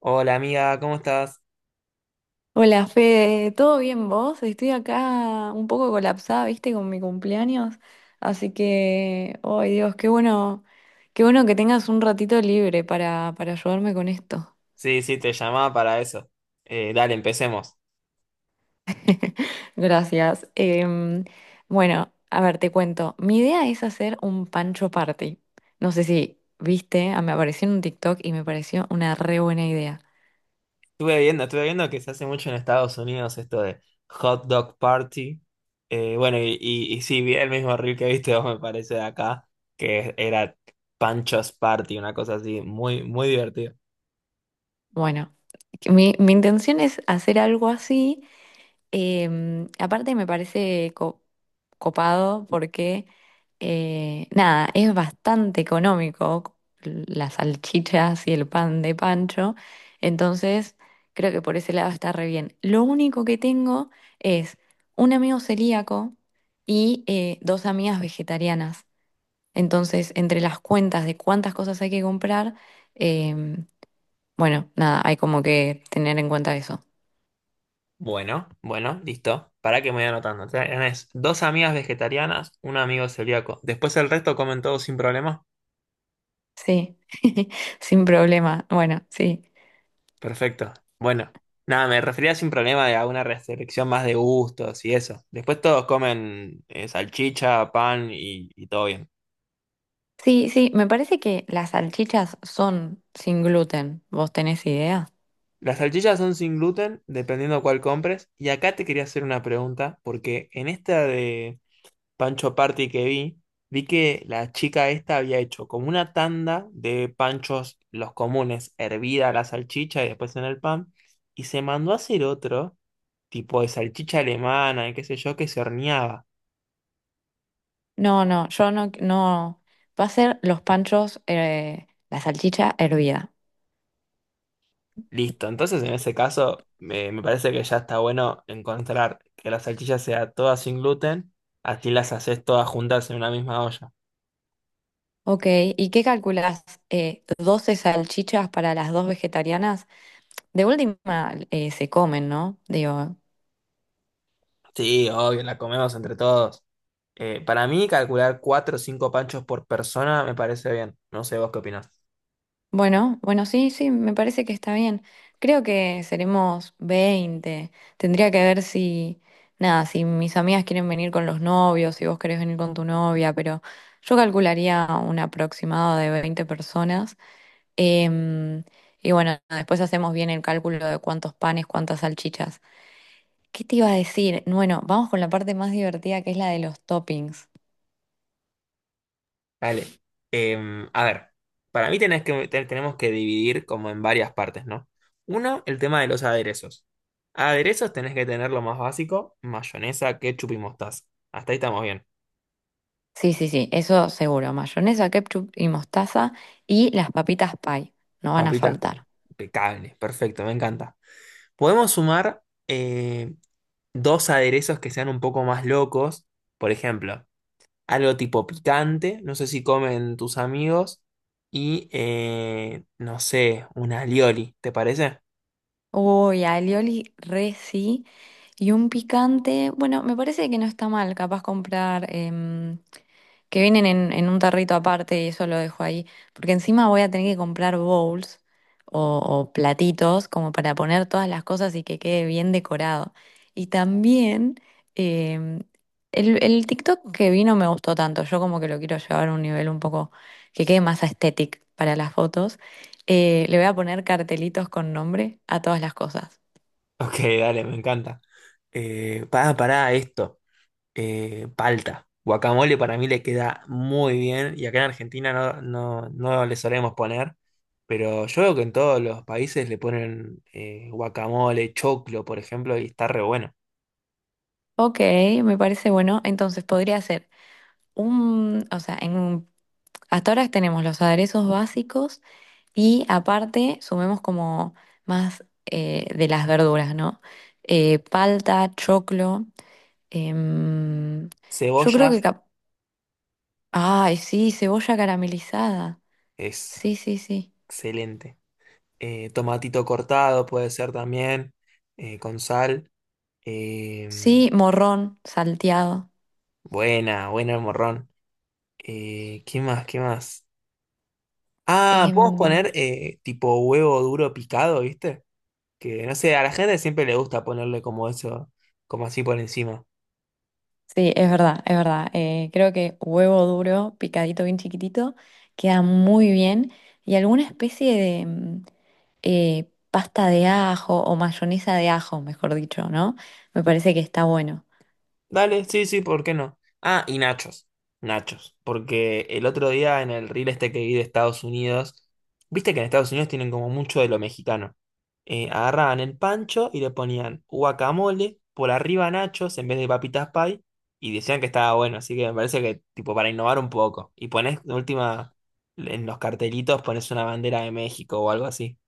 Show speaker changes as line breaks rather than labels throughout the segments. Hola amiga, ¿cómo estás?
Hola Fede, ¿todo bien vos? Estoy acá un poco colapsada, viste, con mi cumpleaños. Así que, ay Dios, qué bueno que tengas un ratito libre para ayudarme con esto.
Sí, sí, te llamaba para eso. Dale, empecemos.
Gracias. Bueno, a ver, te cuento. Mi idea es hacer un pancho party. No sé si viste, ah, me apareció en un TikTok y me pareció una re buena idea.
Estuve viendo que se hace mucho en Estados Unidos esto de hot dog party. Bueno, y sí, vi el mismo reel que viste vos, me parece, de acá, que era Panchos Party, una cosa así, muy, muy divertida.
Bueno, que mi intención es hacer algo así. Aparte me parece copado porque, nada, es bastante económico las salchichas y el pan de Pancho, entonces creo que por ese lado está re bien. Lo único que tengo es un amigo celíaco y dos amigas vegetarianas, entonces entre las cuentas de cuántas cosas hay que comprar, em, bueno, nada, hay como que tener en cuenta eso.
Bueno, bueno, listo. Para que me voy anotando. Tenés dos amigas vegetarianas, un amigo celíaco. Después el resto comen todo sin problema.
Sí, sin problema. Bueno, sí.
Perfecto. Bueno, nada, me refería sin problema a una restricción más de gustos y eso. Después todos comen salchicha, pan y todo bien.
Sí, sí, me parece que las salchichas son sin gluten. ¿Vos tenés idea?
Las salchichas son sin gluten, dependiendo cuál compres. Y acá te quería hacer una pregunta, porque en esta de Pancho Party que vi, vi que la chica esta había hecho como una tanda de panchos, los comunes, hervida la salchicha y después en el pan, y se mandó a hacer otro, tipo de salchicha alemana y qué sé yo, que se horneaba.
No, no, yo no, no. Va a ser los panchos, la salchicha hervida.
Listo, entonces en ese caso me parece que ya está bueno encontrar que la salchicha sea toda sin gluten, así las haces todas juntas en una misma olla.
Ok, ¿y qué calculás? 12 salchichas para las dos vegetarianas. De última, se comen, ¿no? Digo.
Sí, obvio, la comemos entre todos. Para mí calcular cuatro o cinco panchos por persona me parece bien, no sé vos qué opinás.
Bueno, bueno, sí, sí, me parece que está bien. Creo que seremos 20. Tendría que ver si, nada, si mis amigas quieren venir con los novios, si vos querés venir con tu novia, pero yo calcularía un aproximado de 20 personas. Em, y bueno, después hacemos bien el cálculo de cuántos panes, cuántas salchichas. ¿Qué te iba a decir? Bueno, vamos con la parte más divertida que es la de los toppings.
Dale. A ver, para mí tenemos que dividir como en varias partes, ¿no? Uno, el tema de los aderezos. Aderezos tenés que tener lo más básico, mayonesa, ketchup y mostaza. Hasta ahí estamos bien.
Sí, sí, sí, eso seguro. Mayonesa, ketchup y mostaza y las papitas pie, no van a
Papitas pan.
faltar.
Impecable, perfecto, me encanta. Podemos sumar dos aderezos que sean un poco más locos. Por ejemplo, algo tipo picante, no sé si comen tus amigos. Y no sé, un alioli, ¿te parece?
Uy, alioli, re sí. Y un picante, bueno, me parece que no está mal, capaz comprar que vienen en un tarrito aparte y eso lo dejo ahí, porque encima voy a tener que comprar bowls o platitos como para poner todas las cosas y que quede bien decorado. Y también em, el TikTok que vi no me gustó tanto, yo como que lo quiero llevar a un nivel un poco que quede más estético para las fotos. Le voy a poner cartelitos con nombre a todas las cosas.
Ok, dale, me encanta. Pará, pará, esto, palta. Guacamole para mí le queda muy bien y acá en Argentina no, no, no le solemos poner, pero yo veo que en todos los países le ponen guacamole, choclo, por ejemplo, y está re bueno.
Ok, me parece bueno. Entonces podría ser o sea, hasta ahora tenemos los aderezos básicos y aparte sumemos como más de las verduras, ¿no? Palta, choclo. em, yo creo
Cebollas
que, ay, sí, cebolla caramelizada.
es
Sí, sí, sí.
excelente. Tomatito cortado puede ser también, con sal. Eh,
Sí, morrón salteado.
buena, buena el morrón. ¿Qué más? ¿Qué más? Ah, podemos
Em,
poner tipo huevo duro picado, ¿viste? Que no sé, a la gente siempre le gusta ponerle como eso, como así por encima.
Sí, es verdad, es verdad. Creo que huevo duro, picadito bien chiquitito, queda muy bien. Y alguna especie de pasta de ajo o mayonesa de ajo, mejor dicho, ¿no? Me parece que está bueno.
Dale, sí, sí, ¿por qué no? Ah, y nachos. Nachos. Porque el otro día en el reel este que vi de Estados Unidos, viste que en Estados Unidos tienen como mucho de lo mexicano. Agarraban el pancho y le ponían guacamole, por arriba nachos en vez de papitas pie, y decían que estaba bueno. Así que me parece que, tipo, para innovar un poco. Y pones, de última, en los cartelitos pones una bandera de México o algo así.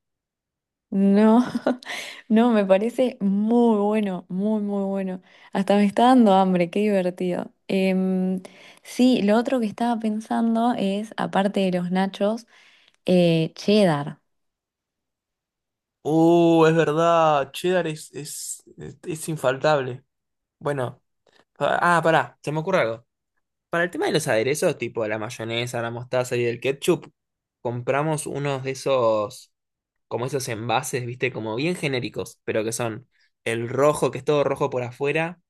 No, no, me parece muy bueno, muy, muy bueno. Hasta me está dando hambre, qué divertido. Em, sí, lo otro que estaba pensando es, aparte de los nachos, cheddar.
Es verdad, cheddar es infaltable. Bueno, pará, se me ocurre algo. Para el tema de los aderezos, tipo la mayonesa, la mostaza y el ketchup, compramos unos de esos como esos envases, viste, como bien genéricos, pero que son el rojo, que es todo rojo por afuera,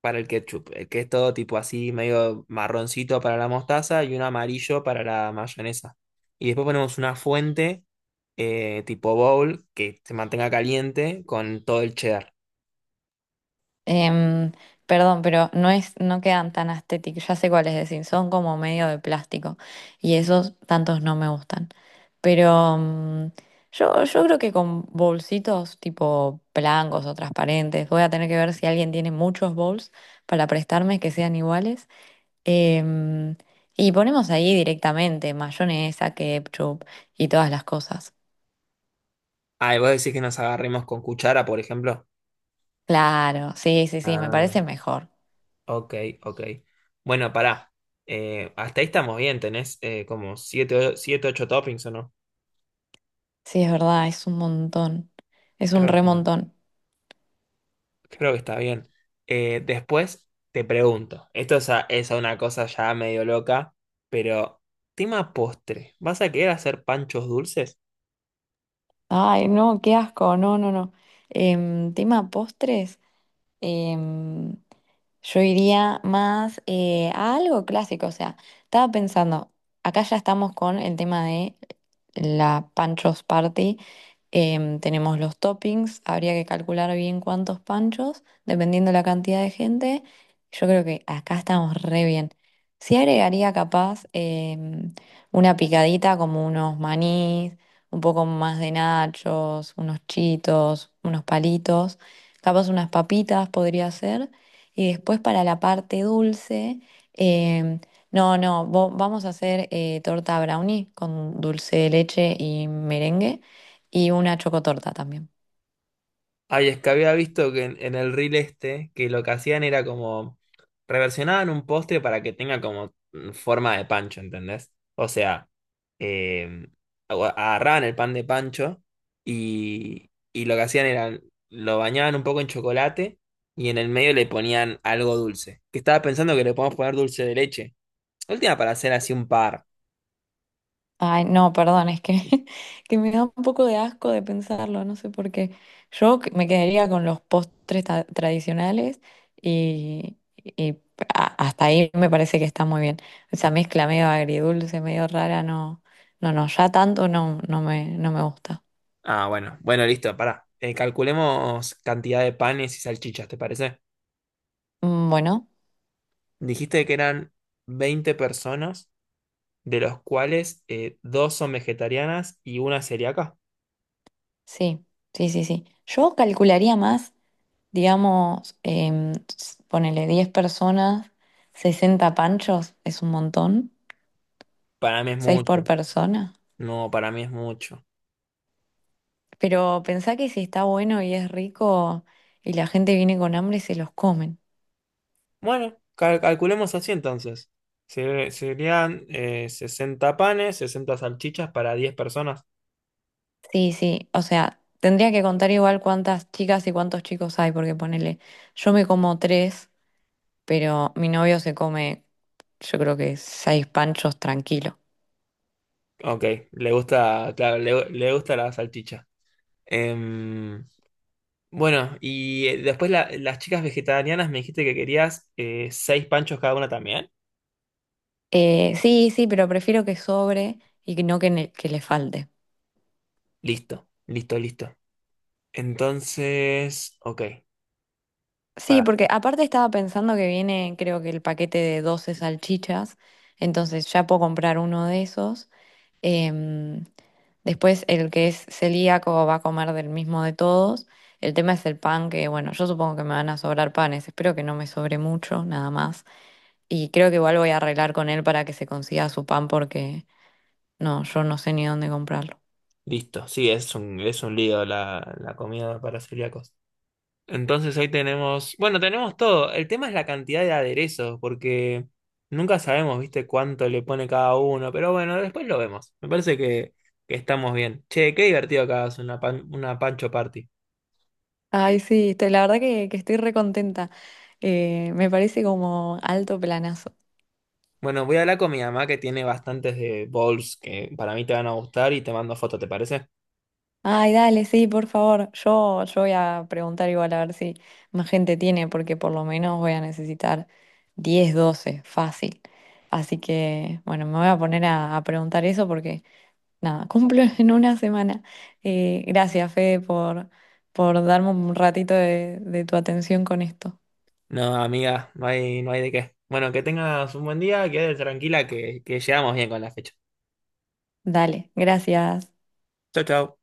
para el ketchup, el que es todo tipo así, medio marroncito para la mostaza y un amarillo para la mayonesa. Y después ponemos una fuente tipo bowl que se mantenga caliente con todo el cheddar.
Em, perdón, pero no es, no quedan tan estéticos. Ya sé cuáles decir, son como medio de plástico. Y esos tantos no me gustan. Pero yo creo que con bolsitos tipo blancos o transparentes, voy a tener que ver si alguien tiene muchos bowls para prestarme que sean iguales. Em, y ponemos ahí directamente mayonesa, ketchup y todas las cosas.
Ah, y vos decís que nos agarremos con cuchara, por ejemplo.
Claro, sí, sí, sí, me
Ah,
parece mejor.
ok, ok. Bueno, pará. Hasta ahí estamos bien, tenés como siete, ocho toppings o no.
Sí, es verdad, es un montón. Es un
Creo que está.
remontón.
Creo que está bien. Después te pregunto, esto es, es a una cosa ya medio loca, pero tema postre, ¿vas a querer hacer panchos dulces?
Ay, no, qué asco, no, no, no. Tema postres, em, yo iría más a algo clásico, o sea, estaba pensando, acá ya estamos con el tema de la Pancho's Party. Tenemos los toppings, habría que calcular bien cuántos panchos, dependiendo la cantidad de gente. Yo creo que acá estamos re bien. Sí agregaría capaz una picadita como unos manís, un poco más de nachos, unos chitos, unos palitos, capaz unas papitas podría ser. Y después para la parte dulce, em, no, no, vamos a hacer torta brownie con dulce de leche y merengue. Y una chocotorta también.
Ay, es que había visto que en el reel este, que lo que hacían era como reversionaban un postre para que tenga como forma de pancho, ¿entendés? O sea, eh, agarraban el pan de pancho y lo que hacían era lo bañaban un poco en chocolate y en el medio le ponían algo dulce. Que estaba pensando que le podemos poner dulce de leche. Última para hacer así un par.
Ay, no, perdón, es que, que me da un poco de asco de pensarlo, no sé por qué. Yo me quedaría con los postres tradicionales y hasta ahí me parece que está muy bien. Esa mezcla medio agridulce, medio rara, no, no, no, ya tanto no, no me gusta.
Ah, bueno, bueno, listo, pará. Calculemos cantidad de panes y salchichas, ¿te parece?
Bueno,
Dijiste que eran 20 personas, de los cuales dos son vegetarianas y una celíaca.
sí, sí, sí, sí. Yo calcularía más, digamos, ponele 10 personas, 60 panchos, es un montón.
Para mí es
Seis por
mucho.
persona.
No, para mí es mucho.
Pero pensá que si está bueno y es rico y la gente viene con hambre, se los comen.
Bueno, calculemos así entonces. Serían 60 panes, 60 salchichas para 10 personas.
Sí, sí. O sea, tendría que contar igual cuántas chicas y cuántos chicos hay, porque ponele, yo me como 3, pero mi novio se come, yo creo que 6 panchos tranquilo.
Ok, le gusta, claro, le gusta la salchicha. Em, bueno, y después las chicas vegetarianas me dijiste que querías 6 panchos cada una también.
Sí, sí, pero prefiero que sobre y que no que, que le falte.
Listo, listo, listo. Entonces, ok,
Sí,
para,
porque aparte estaba pensando que viene, creo que el paquete de 12 salchichas, entonces ya puedo comprar uno de esos. Em, después el que es celíaco va a comer del mismo de todos. El tema es el pan, que bueno, yo supongo que me van a sobrar panes, espero que no me sobre mucho, nada más. Y creo que igual voy a arreglar con él para que se consiga su pan porque no, yo no sé ni dónde comprarlo.
listo. Sí, es un lío la, la comida para celíacos. Entonces hoy tenemos, bueno, tenemos todo. El tema es la cantidad de aderezos, porque nunca sabemos, viste, cuánto le pone cada uno, pero bueno, después lo vemos. Me parece que estamos bien. Che, qué divertido que hagas una, una pancho party.
Ay, sí, la verdad que estoy recontenta. Me parece como alto planazo.
Bueno, voy a hablar con mi mamá que tiene bastantes de bowls que para mí te van a gustar y te mando foto, ¿te parece?
Ay, dale, sí, por favor. Yo voy a preguntar igual a ver si más gente tiene, porque por lo menos voy a necesitar 10, 12, fácil. Así que, bueno, me voy a poner a preguntar eso porque, nada, cumplo en una semana. Gracias, Fede, por darme un ratito de tu atención con esto.
No, amiga, no hay, no hay de qué. Bueno, que tengas un buen día, quédate tranquila que llegamos bien con la fecha.
Dale, gracias.
Chau, chau.